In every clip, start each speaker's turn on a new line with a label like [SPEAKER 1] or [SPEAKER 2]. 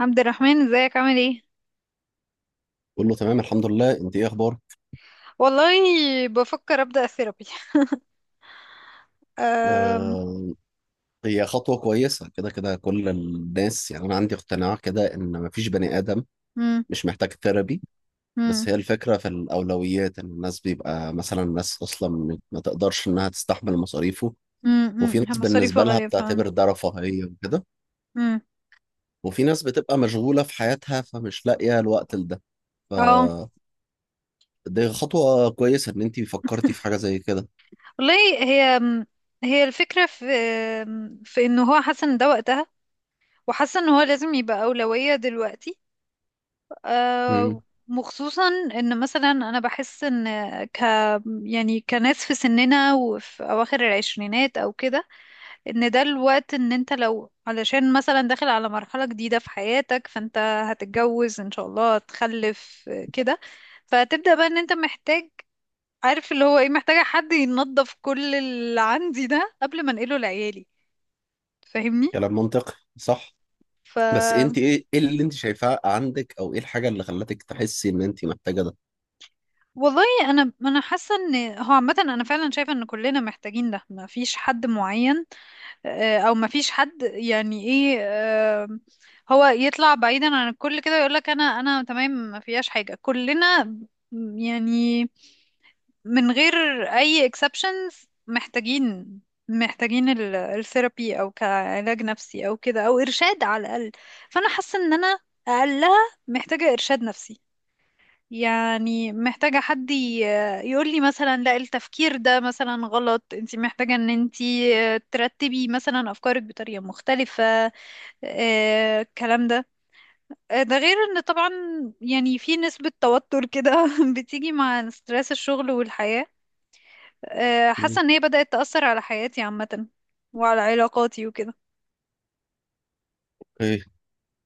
[SPEAKER 1] عبد الرحمن، ازيك؟ عامل ايه؟
[SPEAKER 2] بقول له تمام، الحمد لله، انت ايه اخبارك؟
[SPEAKER 1] والله، بفكر ابدا ثيرابي. أم...
[SPEAKER 2] آه. هي خطوه كويسه، كده كده كل الناس، يعني انا عندي اقتناع كده ان مفيش بني ادم
[SPEAKER 1] مم.
[SPEAKER 2] مش محتاج ثيرابي.
[SPEAKER 1] مم.
[SPEAKER 2] بس هي الفكره في الاولويات ان الناس بيبقى مثلا ناس اصلا ما تقدرش انها تستحمل مصاريفه.
[SPEAKER 1] مم.
[SPEAKER 2] وفي
[SPEAKER 1] مم. هي
[SPEAKER 2] ناس
[SPEAKER 1] مصاريفه
[SPEAKER 2] بالنسبه لها
[SPEAKER 1] غاليه فعلا.
[SPEAKER 2] بتعتبر ده رفاهيه وكده.
[SPEAKER 1] مم.
[SPEAKER 2] وفي ناس بتبقى مشغوله في حياتها فمش لاقيه الوقت لده. ف
[SPEAKER 1] اه،
[SPEAKER 2] دي خطوه كويسه ان انت فكرتي في حاجه زي كده.
[SPEAKER 1] والله، هي هي الفكره في انه هو حاسه ان ده وقتها، وحاسه ان هو لازم يبقى اولويه دلوقتي. أه...
[SPEAKER 2] مم.
[SPEAKER 1] وخصوصا ان مثلا انا بحس ان ك يعني كناس في سننا وفي اواخر العشرينات او كده، ان ده الوقت. ان انت لو علشان مثلا داخل على مرحلة جديدة في حياتك، فانت هتتجوز ان شاء الله، هتخلف، آه، كده. فتبدأ بقى ان انت محتاج، عارف اللي هو ايه، محتاجة حد ينظف كل اللي عندي ده قبل ما انقله لعيالي. فاهمني؟
[SPEAKER 2] كلام منطقي. صح.
[SPEAKER 1] ف
[SPEAKER 2] بس انت ايه اللي انت شايفاه عندك، او ايه الحاجه اللي خلتك تحسي ان انت محتاجه ده؟
[SPEAKER 1] والله، انا حاسه ان هو عامه انا فعلا شايفه ان كلنا محتاجين ده، ما فيش حد معين، آه، او ما فيش حد، يعني ايه، آه، هو يطلع بعيدا عن الكل كده ويقول لك انا تمام، ما فيهاش حاجة. كلنا يعني من غير اي exceptions محتاجين الثيرابي، او كعلاج نفسي او كده، او ارشاد على الاقل. فانا حاسة ان انا اقلها محتاجة ارشاد نفسي. يعني محتاجة حد يقول لي مثلا لا، التفكير ده مثلا غلط، انت محتاجة ان انت ترتبي مثلا أفكارك بطريقة مختلفة. آه، الكلام ده. آه، ده غير ان طبعا يعني في نسبة توتر كده بتيجي مع ستريس الشغل والحياة. آه، حاسة
[SPEAKER 2] مم.
[SPEAKER 1] ان هي بدأت تأثر على حياتي عامة وعلى علاقاتي وكده.
[SPEAKER 2] ايه.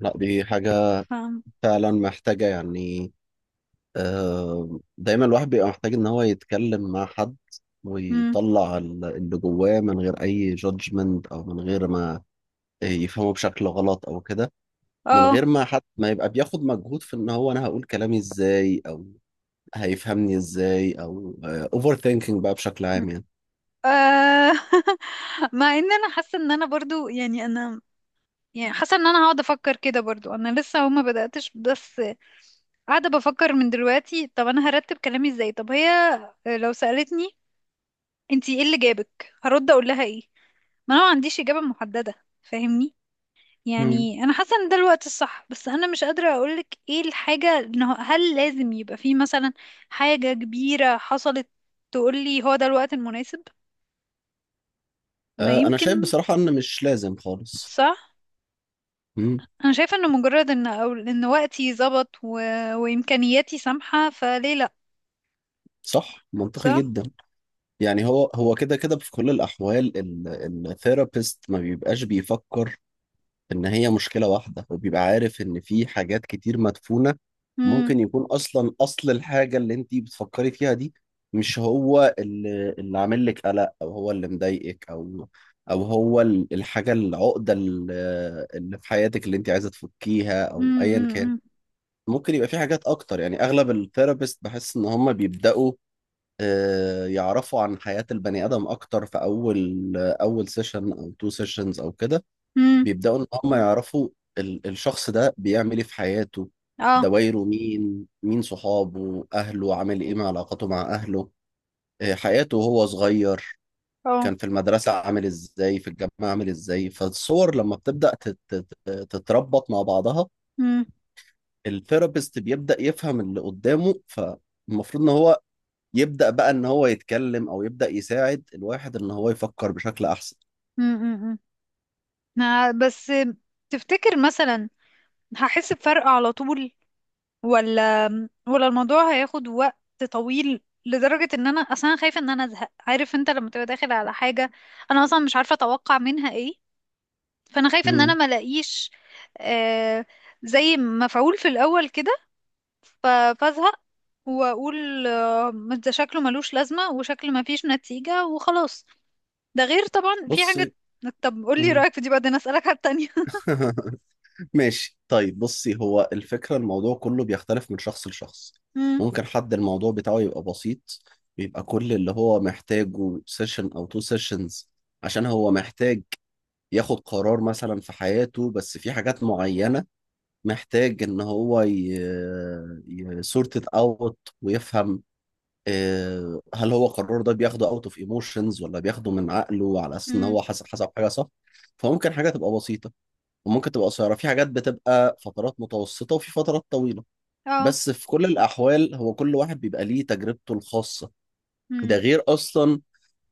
[SPEAKER 2] لا دي حاجه
[SPEAKER 1] فاهم.
[SPEAKER 2] فعلا محتاجه، يعني. آه، دايما الواحد بيبقى محتاج ان هو يتكلم مع حد
[SPEAKER 1] مم.
[SPEAKER 2] ويطلع اللي جواه من غير اي جادجمنت، او من غير ما يفهمه بشكل غلط او كده، من
[SPEAKER 1] اه.
[SPEAKER 2] غير ما حد ما يبقى بياخد مجهود في ان هو انا هقول كلامي ازاي، او هيفهمني ازاي، او اوفر ثينكينج بقى بشكل عام، يعني.
[SPEAKER 1] آه. مع ان انا حاسة ان انا برضو، يعني انا، يعني حاسه ان انا هقعد افكر كده برضو. انا لسه هما بداتش، بس قاعده بفكر من دلوقتي. طب انا هرتب كلامي ازاي؟ طب هي لو سالتني انتي ايه اللي جابك، هرد اقول لها ايه؟ ما انا ما عنديش اجابه محدده. فاهمني؟
[SPEAKER 2] مم.
[SPEAKER 1] يعني انا حاسه ان ده الوقت الصح، بس انا مش قادره اقولك ايه الحاجه، انه هل لازم يبقى في مثلا حاجه كبيره حصلت تقولي هو ده الوقت المناسب؟ ما
[SPEAKER 2] آه، انا شايف
[SPEAKER 1] يمكن
[SPEAKER 2] بصراحة ان مش لازم خالص.
[SPEAKER 1] صعب.
[SPEAKER 2] مم.
[SPEAKER 1] انا شايفه انه مجرد ان أو ان وقتي ظبط وامكانياتي سامحه، فليه لا؟
[SPEAKER 2] صح، منطقي
[SPEAKER 1] صح.
[SPEAKER 2] جدا. يعني هو كده كده في كل الاحوال الثيرابيست ما بيبقاش بيفكر ان هي مشكلة واحدة، وبيبقى عارف ان في حاجات كتير مدفونة.
[SPEAKER 1] امم.
[SPEAKER 2] ممكن يكون اصلا اصل الحاجة اللي انتي بتفكري فيها دي مش هو اللي عامل لك قلق، او هو اللي مضايقك، او هو الحاجة العقدة اللي في حياتك اللي انتي عايزة تفكيها، او ايا كان.
[SPEAKER 1] امم.
[SPEAKER 2] ممكن يبقى في حاجات اكتر، يعني اغلب الثيرابيست بحس ان هم بيبداوا، يعرفوا عن حياة البني ادم اكتر، في اول اول سيشن او تو سيشنز او كده.
[SPEAKER 1] امم.
[SPEAKER 2] بيبداوا ان هم يعرفوا الشخص ده بيعمل ايه في حياته،
[SPEAKER 1] اه.
[SPEAKER 2] دوايره، مين مين صحابه، اهله عامل ايه، مع علاقاته مع اهله، حياته وهو صغير،
[SPEAKER 1] اه.
[SPEAKER 2] كان في المدرسة عامل ازاي، في الجامعة عامل ازاي. فالصور لما بتبدأ تتربط مع بعضها،
[SPEAKER 1] امم.
[SPEAKER 2] الثيرابيست بيبدأ يفهم اللي قدامه، فالمفروض ان هو يبدأ بقى ان هو يتكلم او يبدأ يساعد الواحد ان هو يفكر بشكل احسن.
[SPEAKER 1] امم. بس تفتكر مثلا هحس بفرق على طول، ولا ولا الموضوع هياخد وقت طويل لدرجة ان انا اصلا خايفة ان انا ازهق؟ عارف انت لما تبقى داخل على حاجة انا اصلا مش عارفة اتوقع منها ايه. فانا خايفة ان انا
[SPEAKER 2] امم.
[SPEAKER 1] ما الاقيش آه زي مفعول في الاول كده، ف- فازهق واقول آه، ما ده شكله ملوش لازمة، وشكل ما فيش نتيجة، وخلاص. ده غير طبعا في حاجة.
[SPEAKER 2] بصي.
[SPEAKER 1] طب قولي
[SPEAKER 2] مم.
[SPEAKER 1] رأيك في دي، بعدين أسألك على التانية.
[SPEAKER 2] ماشي، طيب بصي، هو الفكرة، الموضوع كله بيختلف من شخص لشخص.
[SPEAKER 1] مم.
[SPEAKER 2] ممكن حد الموضوع بتاعه يبقى بسيط، بيبقى كل اللي هو محتاجه سيشن او تو سيشنز، عشان هو محتاج ياخد قرار مثلا في حياته، بس في حاجات معينة محتاج ان هو سورت اوت ويفهم، هل هو قراره ده بياخده اوت اوف ايموشنز، ولا بياخده من عقله على اساس ان
[SPEAKER 1] مم.
[SPEAKER 2] هو حسب حاجه صح. فممكن حاجه تبقى بسيطه، وممكن تبقى قصيره، في حاجات بتبقى فترات متوسطه، وفي فترات طويله.
[SPEAKER 1] اه.
[SPEAKER 2] بس في كل الاحوال هو كل واحد بيبقى ليه تجربته الخاصه.
[SPEAKER 1] مم.
[SPEAKER 2] ده غير اصلا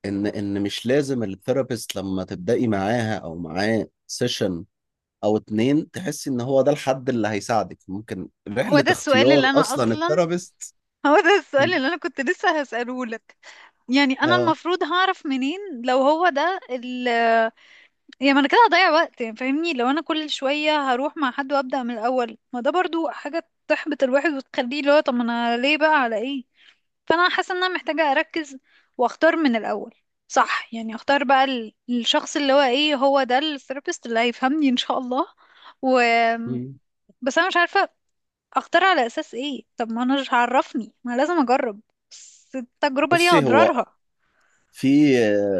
[SPEAKER 2] ان مش لازم الثيرابيست لما تبداي معاها او معاه سيشن او اتنين تحس ان هو ده الحد اللي هيساعدك، ممكن
[SPEAKER 1] هو
[SPEAKER 2] رحلة
[SPEAKER 1] ده السؤال
[SPEAKER 2] اختيار
[SPEAKER 1] اللي أنا
[SPEAKER 2] اصلا
[SPEAKER 1] أصلا
[SPEAKER 2] الثيرابيست.
[SPEAKER 1] هو ده السؤال
[SPEAKER 2] مم.
[SPEAKER 1] اللي أنا كنت لسه هسأله لك. يعني أنا
[SPEAKER 2] اه.
[SPEAKER 1] المفروض هعرف منين لو هو ده يعني ما أنا كده هضيع وقت، يعني فاهمني، لو أنا كل شوية هروح مع حد وأبدأ من الأول، ما ده برضو حاجة تحبط الواحد وتخليه اللي هو طب ما أنا ليه بقى على إيه؟ فانا حاسه ان انا محتاجه اركز واختار من الاول. صح؟ يعني اختار بقى الشخص اللي هو ايه، هو ده الثيرابيست اللي هيفهمني ان شاء الله. و
[SPEAKER 2] مم.
[SPEAKER 1] بس انا مش عارفه اختار على اساس ايه؟ طب ما انا مش عرفني، ما أنا لازم اجرب، بس التجربه ليها
[SPEAKER 2] بصي، هو
[SPEAKER 1] اضرارها.
[SPEAKER 2] في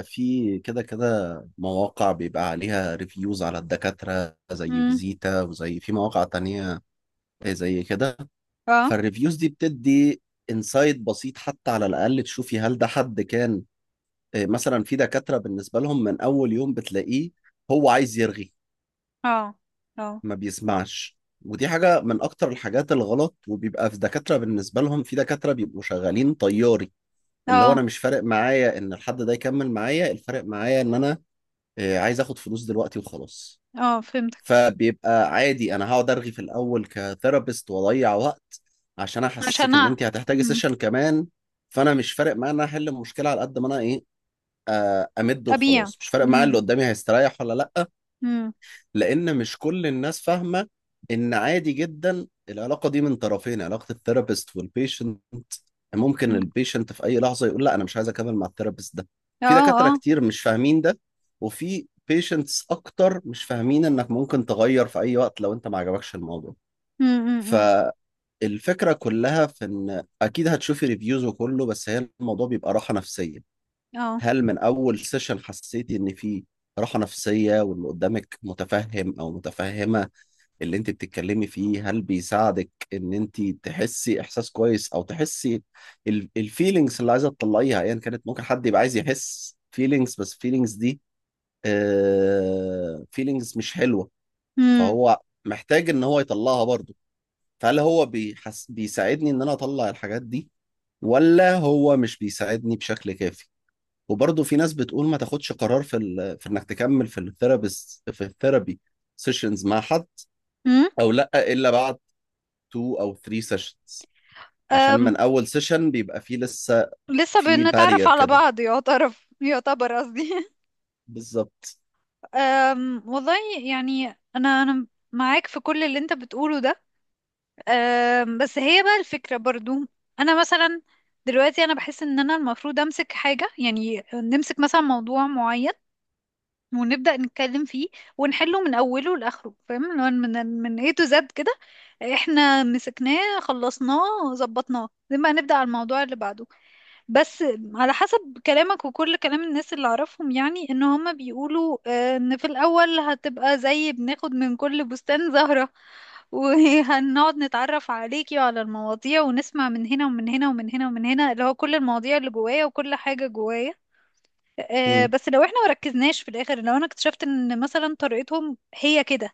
[SPEAKER 2] في كده كده مواقع بيبقى عليها ريفيوز على الدكاترة، زي
[SPEAKER 1] امم.
[SPEAKER 2] فيزيتا وزي في مواقع تانية زي كده.
[SPEAKER 1] اه.
[SPEAKER 2] فالريفيوز دي بتدي انسايد بسيط حتى، على الاقل تشوفي هل ده حد كان، مثلا في دكاترة بالنسبة لهم من اول يوم بتلاقيه هو عايز يرغي،
[SPEAKER 1] اه. اه.
[SPEAKER 2] ما بيسمعش. ودي حاجة من أكتر الحاجات الغلط. وبيبقى في دكاترة بيبقوا شغالين طياري. اللي هو
[SPEAKER 1] اه.
[SPEAKER 2] أنا مش فارق معايا إن الحد ده يكمل معايا، الفارق معايا إن أنا عايز آخد فلوس دلوقتي وخلاص.
[SPEAKER 1] اه. فهمتك.
[SPEAKER 2] فبيبقى عادي أنا هقعد أرغي في الأول كثيرابيست وأضيع وقت، عشان
[SPEAKER 1] عشان
[SPEAKER 2] أحسسك إن
[SPEAKER 1] أ-
[SPEAKER 2] أنت هتحتاجي
[SPEAKER 1] مم.
[SPEAKER 2] سيشن كمان. فأنا مش فارق معايا إن أنا أحل المشكلة على قد ما أنا إيه، أمد
[SPEAKER 1] ابيع.
[SPEAKER 2] وخلاص. مش فارق معايا اللي
[SPEAKER 1] امم.
[SPEAKER 2] قدامي هيستريح ولا لأ.
[SPEAKER 1] امم.
[SPEAKER 2] لان مش كل الناس فاهمه ان عادي جدا العلاقه دي من طرفين، علاقه الثيرابيست والبيشنت، ممكن البيشنت في اي لحظه يقول لا انا مش عايز اكمل مع الثيرابيست ده.
[SPEAKER 1] اه.
[SPEAKER 2] في دكاتره
[SPEAKER 1] اه.
[SPEAKER 2] كتير مش فاهمين ده. وفي بيشنتس اكتر مش فاهمين انك ممكن تغير في اي وقت لو انت ما عجبكش الموضوع.
[SPEAKER 1] امم. امم.
[SPEAKER 2] فالفكره كلها في ان اكيد هتشوفي ريفيوز وكله، بس هي الموضوع بيبقى راحه نفسيه.
[SPEAKER 1] اه.
[SPEAKER 2] هل من اول سيشن حسيتي ان في راحه نفسيه، واللي قدامك متفهم او متفهمه اللي انت بتتكلمي فيه، هل بيساعدك ان انت تحسي احساس كويس، او تحسي الفيلينجز اللي عايزه تطلعيها ايا كانت. ممكن حد يبقى عايز يحس فيلينجز، بس فيلينجز دي فيلينجز مش حلوه، فهو محتاج ان هو يطلعها برضه. فهل هو بيحس بيساعدني ان انا اطلع الحاجات دي، ولا هو مش بيساعدني بشكل كافي. وبرضه في ناس بتقول ما تاخدش قرار في في انك تكمل في الثيرابي سيشنز مع حد، او لا، الا بعد 2 او 3 سيشنز، عشان
[SPEAKER 1] امم.
[SPEAKER 2] من اول سيشن بيبقى فيه لسه
[SPEAKER 1] لسه
[SPEAKER 2] في
[SPEAKER 1] بنتعرف
[SPEAKER 2] بارير
[SPEAKER 1] على
[SPEAKER 2] كده.
[SPEAKER 1] بعض، يعتبر قصدي
[SPEAKER 2] بالظبط.
[SPEAKER 1] والله، يعني انا معاك في كل اللي انت بتقوله ده. بس هي بقى الفكرة برضو، انا مثلا دلوقتي انا بحس ان انا المفروض امسك حاجة، يعني نمسك مثلا موضوع معين، ونبدأ نتكلم فيه ونحله من اوله لاخره. فاهم اللي هو من A to Z كده. احنا مسكناه، خلصناه، ظبطناه، زي ما هنبدأ على الموضوع اللي بعده. بس على حسب كلامك وكل كلام الناس اللي اعرفهم، يعني ان هما بيقولوا آه، ان في الاول هتبقى زي بناخد من كل بستان زهرة وهنقعد نتعرف عليكي وعلى المواضيع ونسمع من هنا ومن هنا ومن هنا ومن هنا، اللي هو كل المواضيع اللي جوايا وكل حاجة جوايا. آه،
[SPEAKER 2] مم.
[SPEAKER 1] بس لو احنا مركزناش في الاخر، لو انا اكتشفت ان مثلا طريقتهم هي كده،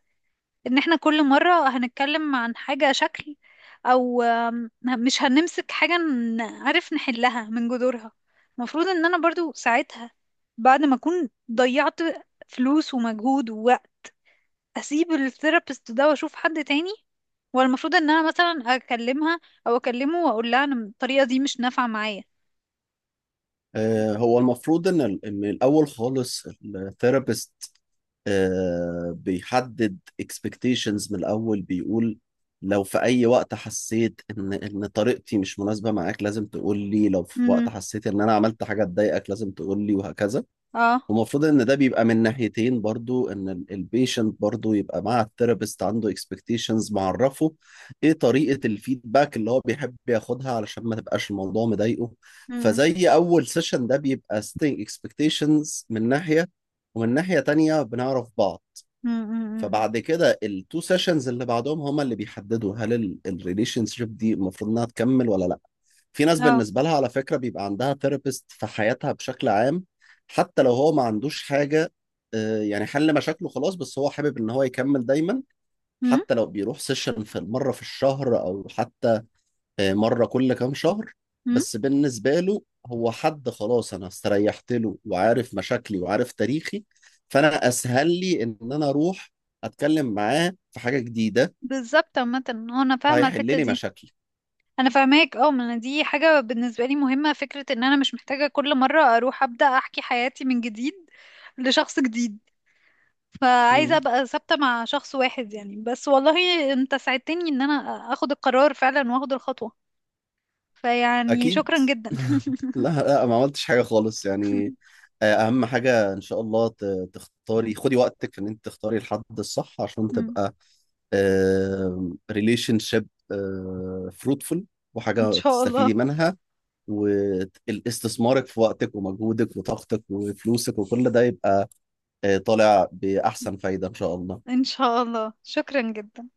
[SPEAKER 1] ان احنا كل مرة هنتكلم عن حاجة شكل، او مش هنمسك حاجة نعرف نحلها من جذورها، المفروض ان انا برضو ساعتها بعد ما اكون ضيعت فلوس ومجهود، واسيب الثيرابيست ده واشوف حد تاني. ولا المفروض ان انا مثلا اكلمها او اكلمه واقول لها انا الطريقة دي مش نافعة معايا؟
[SPEAKER 2] هو المفروض ان ان الاول خالص الثيرابيست بيحدد اكسبكتيشنز من الاول، بيقول لو في اي وقت حسيت ان طريقتي مش مناسبه معاك لازم تقول لي، لو في
[SPEAKER 1] امم.
[SPEAKER 2] وقت حسيت ان انا عملت حاجه تضايقك لازم تقول لي، وهكذا.
[SPEAKER 1] اه.
[SPEAKER 2] ومفروض ان ده بيبقى من ناحيتين برضو، ان البيشنت برضو يبقى مع الثيرابيست عنده اكسبكتيشنز، معرفه ايه طريقة الفيدباك اللي هو بيحب ياخدها علشان ما تبقاش الموضوع مضايقه.
[SPEAKER 1] امم.
[SPEAKER 2] فزي اول سيشن ده بيبقى ستينج اكسبكتيشنز من ناحية، ومن ناحية تانية بنعرف بعض.
[SPEAKER 1] امم.
[SPEAKER 2] فبعد كده التو سيشنز اللي بعدهم هما اللي بيحددوا هل الريليشن شيب دي المفروض انها تكمل ولا لا. في ناس
[SPEAKER 1] اه.
[SPEAKER 2] بالنسبة لها على فكرة بيبقى عندها ثيرابيست في حياتها بشكل عام، حتى لو هو ما عندوش حاجة، يعني حل مشاكله خلاص، بس هو حابب ان هو يكمل دايما.
[SPEAKER 1] امم.
[SPEAKER 2] حتى لو بيروح سيشن في مرة في الشهر، او حتى مرة كل كام شهر. بس بالنسبة له هو حد خلاص انا استريحت له وعارف مشاكلي وعارف تاريخي، فانا اسهل لي ان انا اروح اتكلم معاه في حاجة جديدة،
[SPEAKER 1] بالظبط. عامة هو انا فاهمة
[SPEAKER 2] هيحل
[SPEAKER 1] الحتة
[SPEAKER 2] لي
[SPEAKER 1] دي،
[SPEAKER 2] مشاكلي.
[SPEAKER 1] انا فاهماك. اه، ما انا دي حاجه بالنسبه لي مهمه، فكره ان انا مش محتاجه كل مره اروح ابدا احكي حياتي من جديد لشخص جديد. فعايزه
[SPEAKER 2] مم.
[SPEAKER 1] ابقى ثابته مع شخص واحد يعني. بس والله انت ساعدتني ان انا اخد القرار فعلا واخد الخطوه. فيعني
[SPEAKER 2] اكيد.
[SPEAKER 1] شكرا جدا.
[SPEAKER 2] لا، لا ما عملتش حاجة خالص، يعني. أهم حاجة إن شاء الله تختاري، خدي وقتك في إن أنت تختاري الحد الصح عشان تبقى ريليشن شيب فروتفul،
[SPEAKER 1] ان
[SPEAKER 2] وحاجة
[SPEAKER 1] شاء الله.
[SPEAKER 2] تستفيدي منها. واستثمارك في وقتك ومجهودك وطاقتك وفلوسك وكل ده يبقى طالع بأحسن فايدة إن شاء الله.
[SPEAKER 1] ان شاء الله، شكرا جدا.